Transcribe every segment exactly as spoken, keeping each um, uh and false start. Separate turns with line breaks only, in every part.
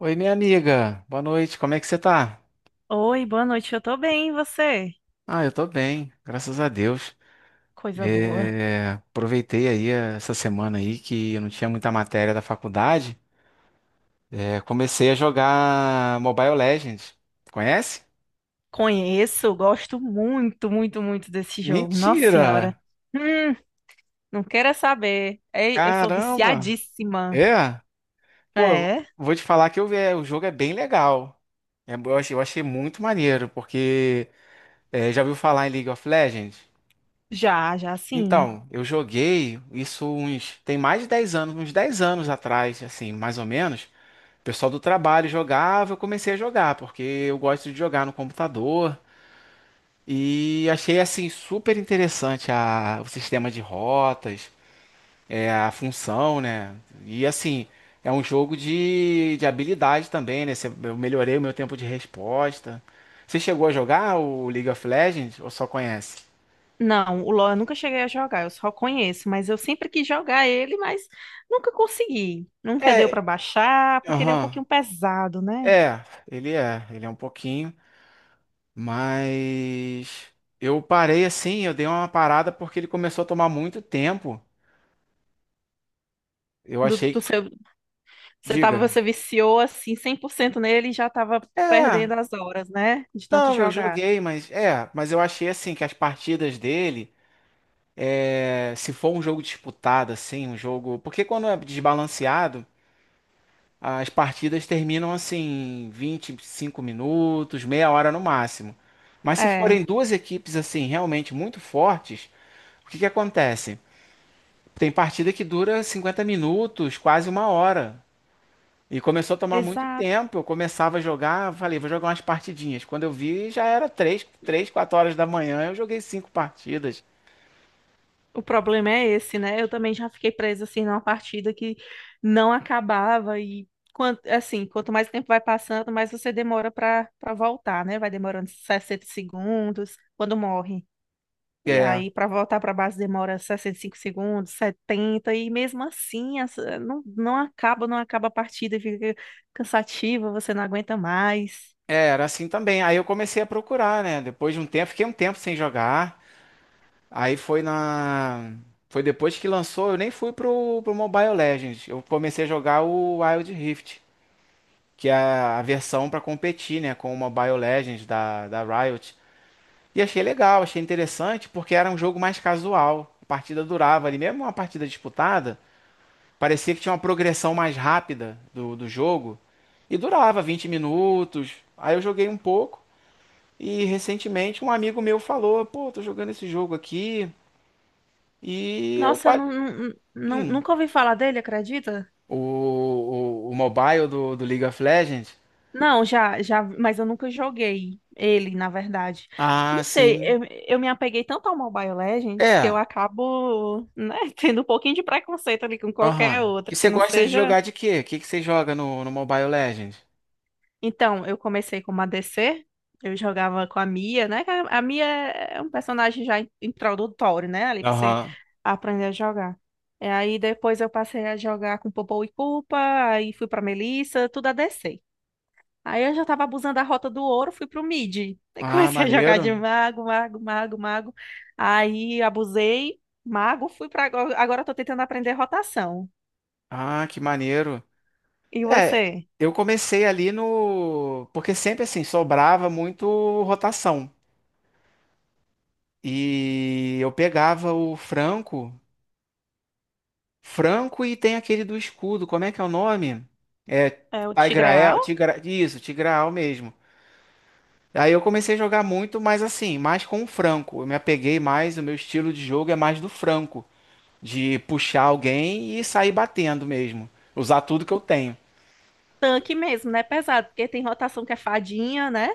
Oi, minha amiga. Boa noite. Como é que você tá?
Oi, boa noite. Eu tô bem, e você?
Ah, eu tô bem, graças a Deus.
Coisa boa.
É, aproveitei aí essa semana aí que eu não tinha muita matéria da faculdade. É, comecei a jogar Mobile Legends. Conhece?
Conheço, gosto muito, muito, muito desse jogo. Nossa
Mentira!
Senhora. Hum, não queira saber. Ei, eu sou
Caramba!
viciadíssima.
É? Pô,
É?
vou te falar que eu, é, o jogo é bem legal. É, eu achei, eu achei muito maneiro, porque é, já ouviu falar em League of Legends?
Já, já sim.
Então, eu joguei isso uns, tem mais de dez anos, uns dez anos atrás, assim, mais ou menos. O pessoal do trabalho jogava, eu comecei a jogar, porque eu gosto de jogar no computador. E achei, assim, super interessante a, o sistema de rotas, é, a função, né? E, assim, é um jogo de, de habilidade também, né? Você- Eu melhorei o meu tempo de resposta. Você chegou a jogar o League of Legends ou só conhece?
Não, o LoL eu nunca cheguei a jogar, eu só conheço, mas eu sempre quis jogar ele, mas nunca consegui. Nunca deu pra
É,
baixar, porque ele é um
aham.
pouquinho pesado, né?
É, ele é, ele é um pouquinho, mas eu parei assim, eu dei uma parada porque ele começou a tomar muito tempo. Eu
Do, do
achei,
seu, você tava,
diga,
você viciou assim cem por cento nele e já tava
é,
perdendo as horas, né? De tanto
não, eu
jogar.
joguei, mas é, mas eu achei assim que as partidas dele, é, se for um jogo disputado assim, um jogo, porque quando é desbalanceado, as partidas terminam assim vinte, e cinco minutos, meia hora no máximo. Mas se
É,
forem duas equipes assim realmente muito fortes, o que que acontece? Tem partida que dura cinquenta minutos, quase uma hora. E começou a tomar muito
exato.
tempo. Eu começava a jogar, falei, vou jogar umas partidinhas. Quando eu vi, já era três, três, quatro horas da manhã, eu joguei cinco partidas.
O problema é esse, né? Eu também já fiquei presa assim numa partida que não acabava e quanto, assim, quanto mais tempo vai passando, mais você demora pra para voltar, né? Vai demorando sessenta segundos quando morre. E
É,
aí pra voltar pra base demora sessenta e cinco segundos, setenta e mesmo assim essa- não, não acaba, não acaba a partida e fica cansativa, você não aguenta mais.
é, era assim também. Aí eu comecei a procurar, né? Depois de um tempo, fiquei um tempo sem jogar. Aí foi na. Foi depois que lançou, eu nem fui pro, pro Mobile Legends. Eu comecei a jogar o Wild Rift, que é a versão pra competir, né, com o Mobile Legends da, da Riot. E achei legal, achei interessante, porque era um jogo mais casual. A partida durava ali, mesmo uma partida disputada, parecia que tinha uma progressão mais rápida do, do jogo. E durava vinte minutos. Aí eu joguei um pouco. E recentemente um amigo meu falou: pô, tô jogando esse jogo aqui. E eu.
Nossa, eu
Ba-
não, não, não-
Hum,
nunca ouvi falar dele, acredita?
o, o, o mobile do, do League of Legends?
Não, já, já, mas eu nunca joguei ele, na verdade.
Ah,
Não sei,
sim.
eu, eu me apeguei tanto ao Mobile Legends que eu
É,
acabo, né, tendo um pouquinho de preconceito ali com qualquer
aham.
outra
E
que
você
não
gosta de
seja.
jogar de quê? O que que você joga no, no Mobile Legends?
Então, eu comecei como A D C, eu jogava com a Mia, né? Que A a Mia é um personagem já in- introdutório, né? Ali pra você
Aham.
aprender a jogar. E aí depois eu passei a jogar com Popou e Culpa, aí fui pra Melissa, tudo a ADC. Aí eu já tava abusando da rota do ouro, fui pro mid. Aí
Ah,
comecei a jogar de
maneiro.
mago, mago, mago, mago. Aí abusei, mago, fui pra. Agora. Agora eu tô tentando aprender rotação.
Ah, que maneiro.
E
É,
você?
eu comecei ali no. Porque sempre assim, sobrava muito rotação. E eu pegava o Franco. Franco e tem aquele do escudo, como é que é o nome? É
É o Tigreal?
Tigrael, Tigra... isso, Tigraal mesmo. Aí eu comecei a jogar muito, mas assim, mais com o Franco. Eu me apeguei mais, o meu estilo de jogo é mais do Franco, de puxar alguém e sair batendo mesmo, usar tudo que eu tenho.
Tanque mesmo, né? Pesado, porque tem rotação que é fadinha, né?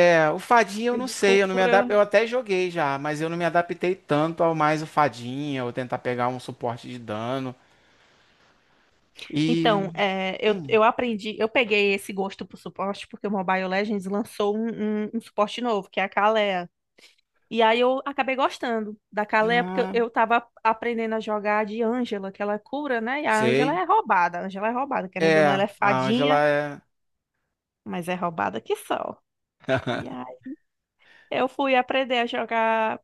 É, o Fadinha eu
E
não
de
sei, eu não me
cura.
adap... eu até joguei já, mas eu não me adaptei tanto ao mais o Fadinha, ou tentar pegar um suporte de dano. E.
Então, é, eu,
Hum,
eu aprendi, eu peguei esse gosto por suporte, porque o Mobile Legends lançou um, um, um suporte novo, que é a Kalea. E aí eu acabei gostando da Calé, porque eu
ah,
eu tava aprendendo a jogar de Ângela, que ela é cura, né? E a Ângela
sei.
é roubada, a Ângela é roubada, querendo ou não, ela
É,
é
a Angela
fadinha,
é.
mas é roubada que só. E aí eu fui aprender a jogar.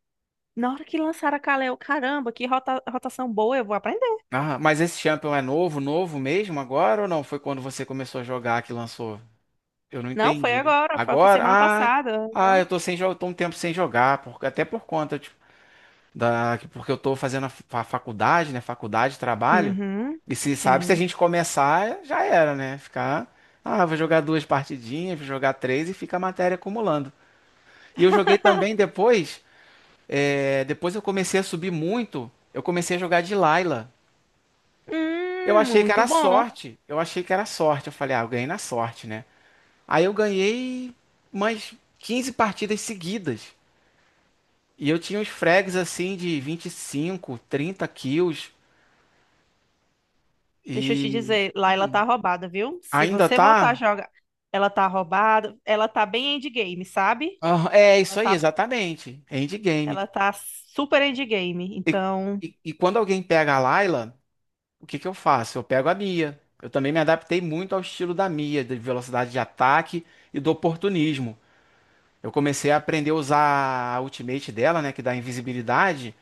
Na hora que lançaram a Calé, eu, caramba, que rota- rotação boa, eu vou aprender.
Ah, mas esse champion é novo, novo mesmo agora ou não? Foi quando você começou a jogar que lançou? Eu não
Não, foi
entendi.
agora, foi, foi
Agora?
semana
Ah,
passada.
ah,
Uhum.
eu tô sem jogo, tô um tempo sem jogar, por... até por conta, da, porque eu tô fazendo a fa- faculdade, né? Faculdade, trabalho.
Uhum.
E se sabe, se a
Sim.
gente começar, já era, né? Ficar, ah, vou jogar duas partidinhas, vou jogar três e fica a matéria acumulando. E eu joguei também depois, é, depois eu comecei a subir muito, eu comecei a jogar de Layla. Eu
Hum,
achei que
muito
era
bom.
sorte, eu achei que era sorte. Eu falei, ah, eu ganhei na sorte, né? Aí eu ganhei umas quinze partidas seguidas. E eu tinha uns frags assim de vinte e cinco trinta kills.
Deixa eu te
E
dizer, lá ela tá
Sim.
roubada, viu? Se
ainda
você voltar a
tá?
jogar, ela tá roubada, ela tá bem endgame, sabe?
Ah, é
Ela
isso aí,
tá,
exatamente. Endgame.
ela tá super endgame. Então.
E, e quando alguém pega a Layla, o que que eu faço? Eu pego a Mia. Eu também me adaptei muito ao estilo da Mia, de velocidade de ataque e do oportunismo. Eu comecei a aprender a usar a ultimate dela, né, que dá invisibilidade,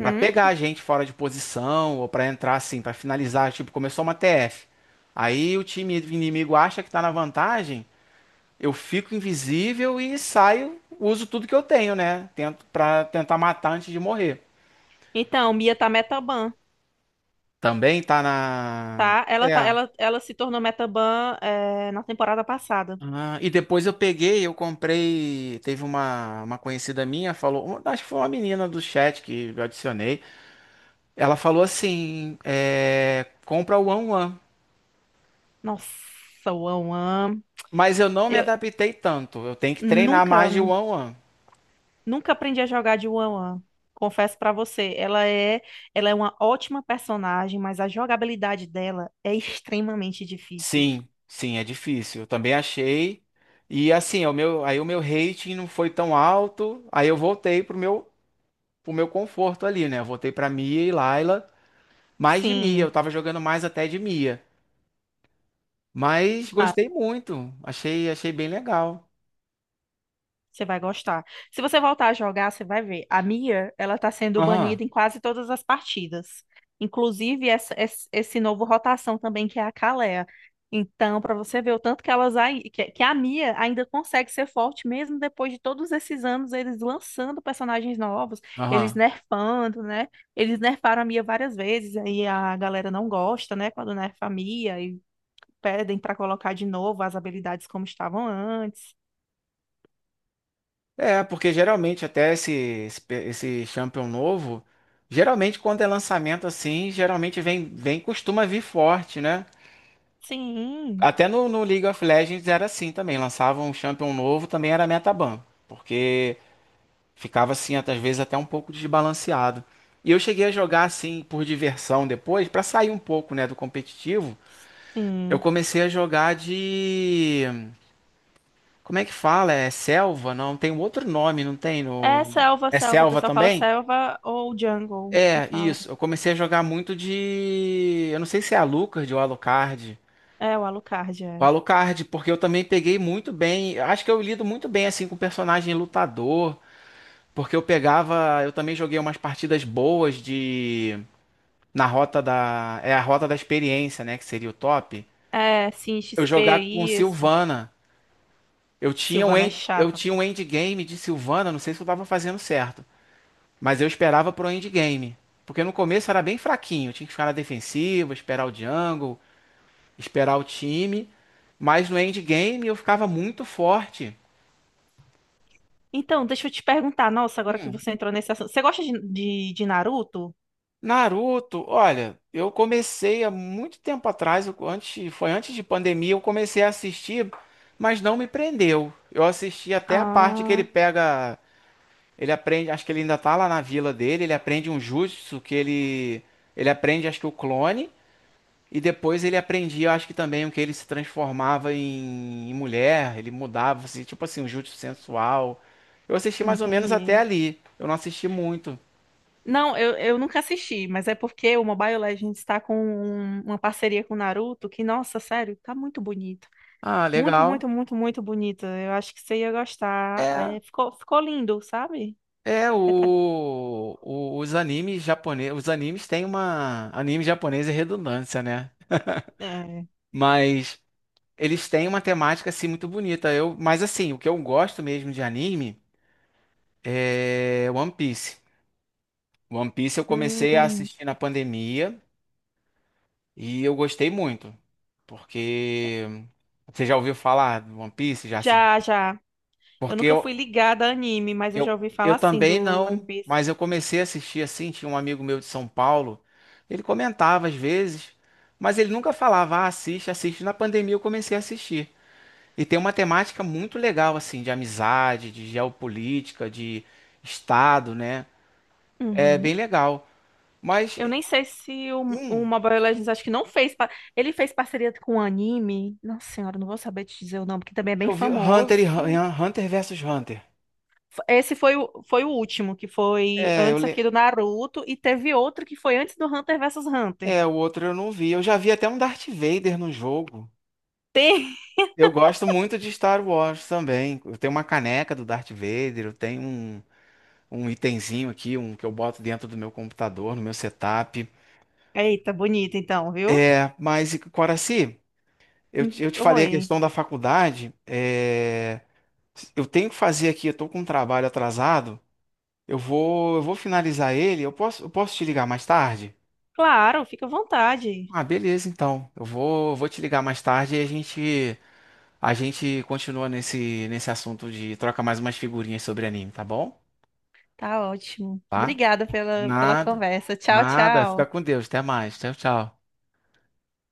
pra pegar a gente fora de posição ou pra entrar assim, pra finalizar, tipo, começou uma T F. Aí o time inimigo acha que tá na vantagem, eu fico invisível e saio, uso tudo que eu tenho, né? Tento para tentar matar antes de morrer.
Então Mia tá metaban,
Também tá na.
tá? Ela tá,
É.
ela, ela se tornou metaban, é, na temporada passada.
Ah, e depois eu peguei, eu comprei. Teve uma, uma conhecida minha, falou. Uma- Acho que foi uma menina do chat que eu adicionei. Ela falou assim: é, compra o One One.
Nossa, One One.
Mas eu não me
Eu
adaptei tanto. Eu tenho que treinar
nunca,
mais de One One.
nunca aprendi a jogar de One One. Confesso pra você, ela é, ela é uma ótima personagem, mas a jogabilidade dela é extremamente difícil.
Sim, sim, é difícil. Eu também achei. E assim, é o meu, aí o meu rating não foi tão alto. Aí eu voltei pro meu, pro meu conforto ali, né? Eu voltei pra Mia e Layla. Mais de Mia,
Sim.
eu tava jogando mais até de Mia. Mas gostei muito. Achei, achei bem legal.
Você vai gostar. Se você voltar a jogar, você vai ver. A Mia, ela tá sendo
Aham,
banida em quase todas as partidas. Inclusive essa, esse, esse novo rotação também, que é a Kalea. Então, pra você ver o tanto que elas ai- que, que a Mia ainda consegue ser forte mesmo depois de todos esses anos eles lançando personagens novos, eles
aham.
nerfando, né? Eles nerfaram a Mia várias vezes, aí a galera não gosta, né, quando nerfa a Mia e pedem pra colocar de novo as habilidades como estavam antes.
É, porque geralmente até esse, esse, pe- esse Champion novo, geralmente quando é lançamento assim, geralmente vem, vem, costuma vir forte, né?
Sim,
Até no, no League of Legends era assim também. Lançava um champion novo, também era metaban. Porque ficava assim, às vezes, até um pouco desbalanceado. E eu cheguei a jogar assim por diversão depois, pra sair um pouco, né, do competitivo. Eu
sim.
comecei a jogar de. Como é que fala? É selva? Não, tem um outro nome, não tem? No...
É selva,
É
selva. O
selva
pessoal fala
também?
selva ou jungle, que
É,
falam.
isso. Eu comecei a jogar muito de. Eu não sei se é a Alucard ou Alucard.
É, o Alucard, é.
Alucard, porque eu também peguei muito bem. Acho que eu lido muito bem assim com personagem lutador, porque eu pegava, eu também joguei umas partidas boas de na rota da é a rota da experiência, né, que seria o top.
É, sim,
Eu
X P,
jogar com
isso.
Sylvana. Eu tinha um
Silvana é
end, eu
chata.
tinha um endgame de Sylvana, não sei se eu tava fazendo certo, mas eu esperava pro endgame, porque no começo era bem fraquinho, eu tinha que ficar na defensiva, esperar o jungle, esperar o time, mas no endgame eu ficava muito forte.
Então, deixa eu te perguntar. Nossa, agora que você entrou nesse assunto. Você gosta de, de, de Naruto?
Naruto, olha, eu comecei há muito tempo atrás, eu- antes, foi antes de pandemia, eu comecei a assistir, mas não me prendeu. Eu assisti até a parte que ele
Ah,
pega, ele aprende, acho que ele ainda tá lá na vila dele, ele aprende um jutsu que ele, ele aprende, acho que o clone, e depois ele aprendia, acho que também o que ele se transformava em, em mulher, ele mudava, assim, tipo assim, um jutsu sensual. Eu assisti mais ou menos até
entendi.
ali, eu não assisti muito.
Não, eu, eu nunca assisti, mas é porque o Mobile Legends está com um- uma parceria com o Naruto que, nossa, sério, tá muito bonito.
Ah,
Muito,
legal.
muito, muito, muito bonito. Eu acho que você ia gostar. É, ficou, ficou lindo, sabe?
É,
É, tá-
o, o- os animes japoneses, os animes têm uma, anime japonês é redundância, né?
é.
Mas eles têm uma temática assim muito bonita. Eu, mas assim, o que eu gosto mesmo de anime é One Piece. One Piece eu comecei a
Hum,
assistir na pandemia e eu gostei muito, porque você já ouviu falar do One Piece? Já se...
já, já. Eu
Porque
nunca fui
eu,
ligada a anime, mas eu já
Eu,
ouvi falar
eu
assim
também
do One
não,
Piece.
mas eu comecei a assistir assim. Tinha um amigo meu de São Paulo, ele comentava às vezes, mas ele nunca falava, ah, assiste, assiste. Na pandemia eu comecei a assistir. E tem uma temática muito legal, assim, de amizade, de geopolítica, de Estado, né? É bem
Uhum.
legal. Mas,
Eu nem sei se o, o
hum,
Mobile Legends acho que não fez. pa- Ele fez parceria com o anime. Nossa Senhora, não vou saber te dizer o nome, porque também é bem
eu vi Hunter e
famoso.
Hun- Hunter versus Hunter.
Esse foi o, foi o último, que foi
É, eu
antes aqui
le...
do Naruto, e teve outro que foi antes do Hunter versus Hunter.
é, o outro eu não vi. Eu já vi até um Darth Vader no jogo.
Tem.
Eu gosto muito de Star Wars também. Eu tenho uma caneca do Darth Vader, eu tenho um, um itemzinho aqui, um que eu boto dentro do meu computador, no meu setup.
Eita, bonito então, viu?
É, mas, Coraci, eu,
Hum.
te- eu te falei a
Oi.
questão da faculdade. É, eu tenho que fazer aqui, eu tô com um trabalho atrasado. Eu vou, eu vou finalizar ele. Eu posso, eu posso te ligar mais tarde?
Claro, fica à vontade.
Ah, beleza, então. Eu vou, vou te ligar mais tarde e a gente, a gente continua nesse, nesse assunto de troca mais umas figurinhas sobre anime, tá bom?
Tá ótimo.
Tá?
Obrigada pela, pela
Nada,
conversa. Tchau,
nada. Fica
tchau.
com Deus. Até mais. Tchau, tchau.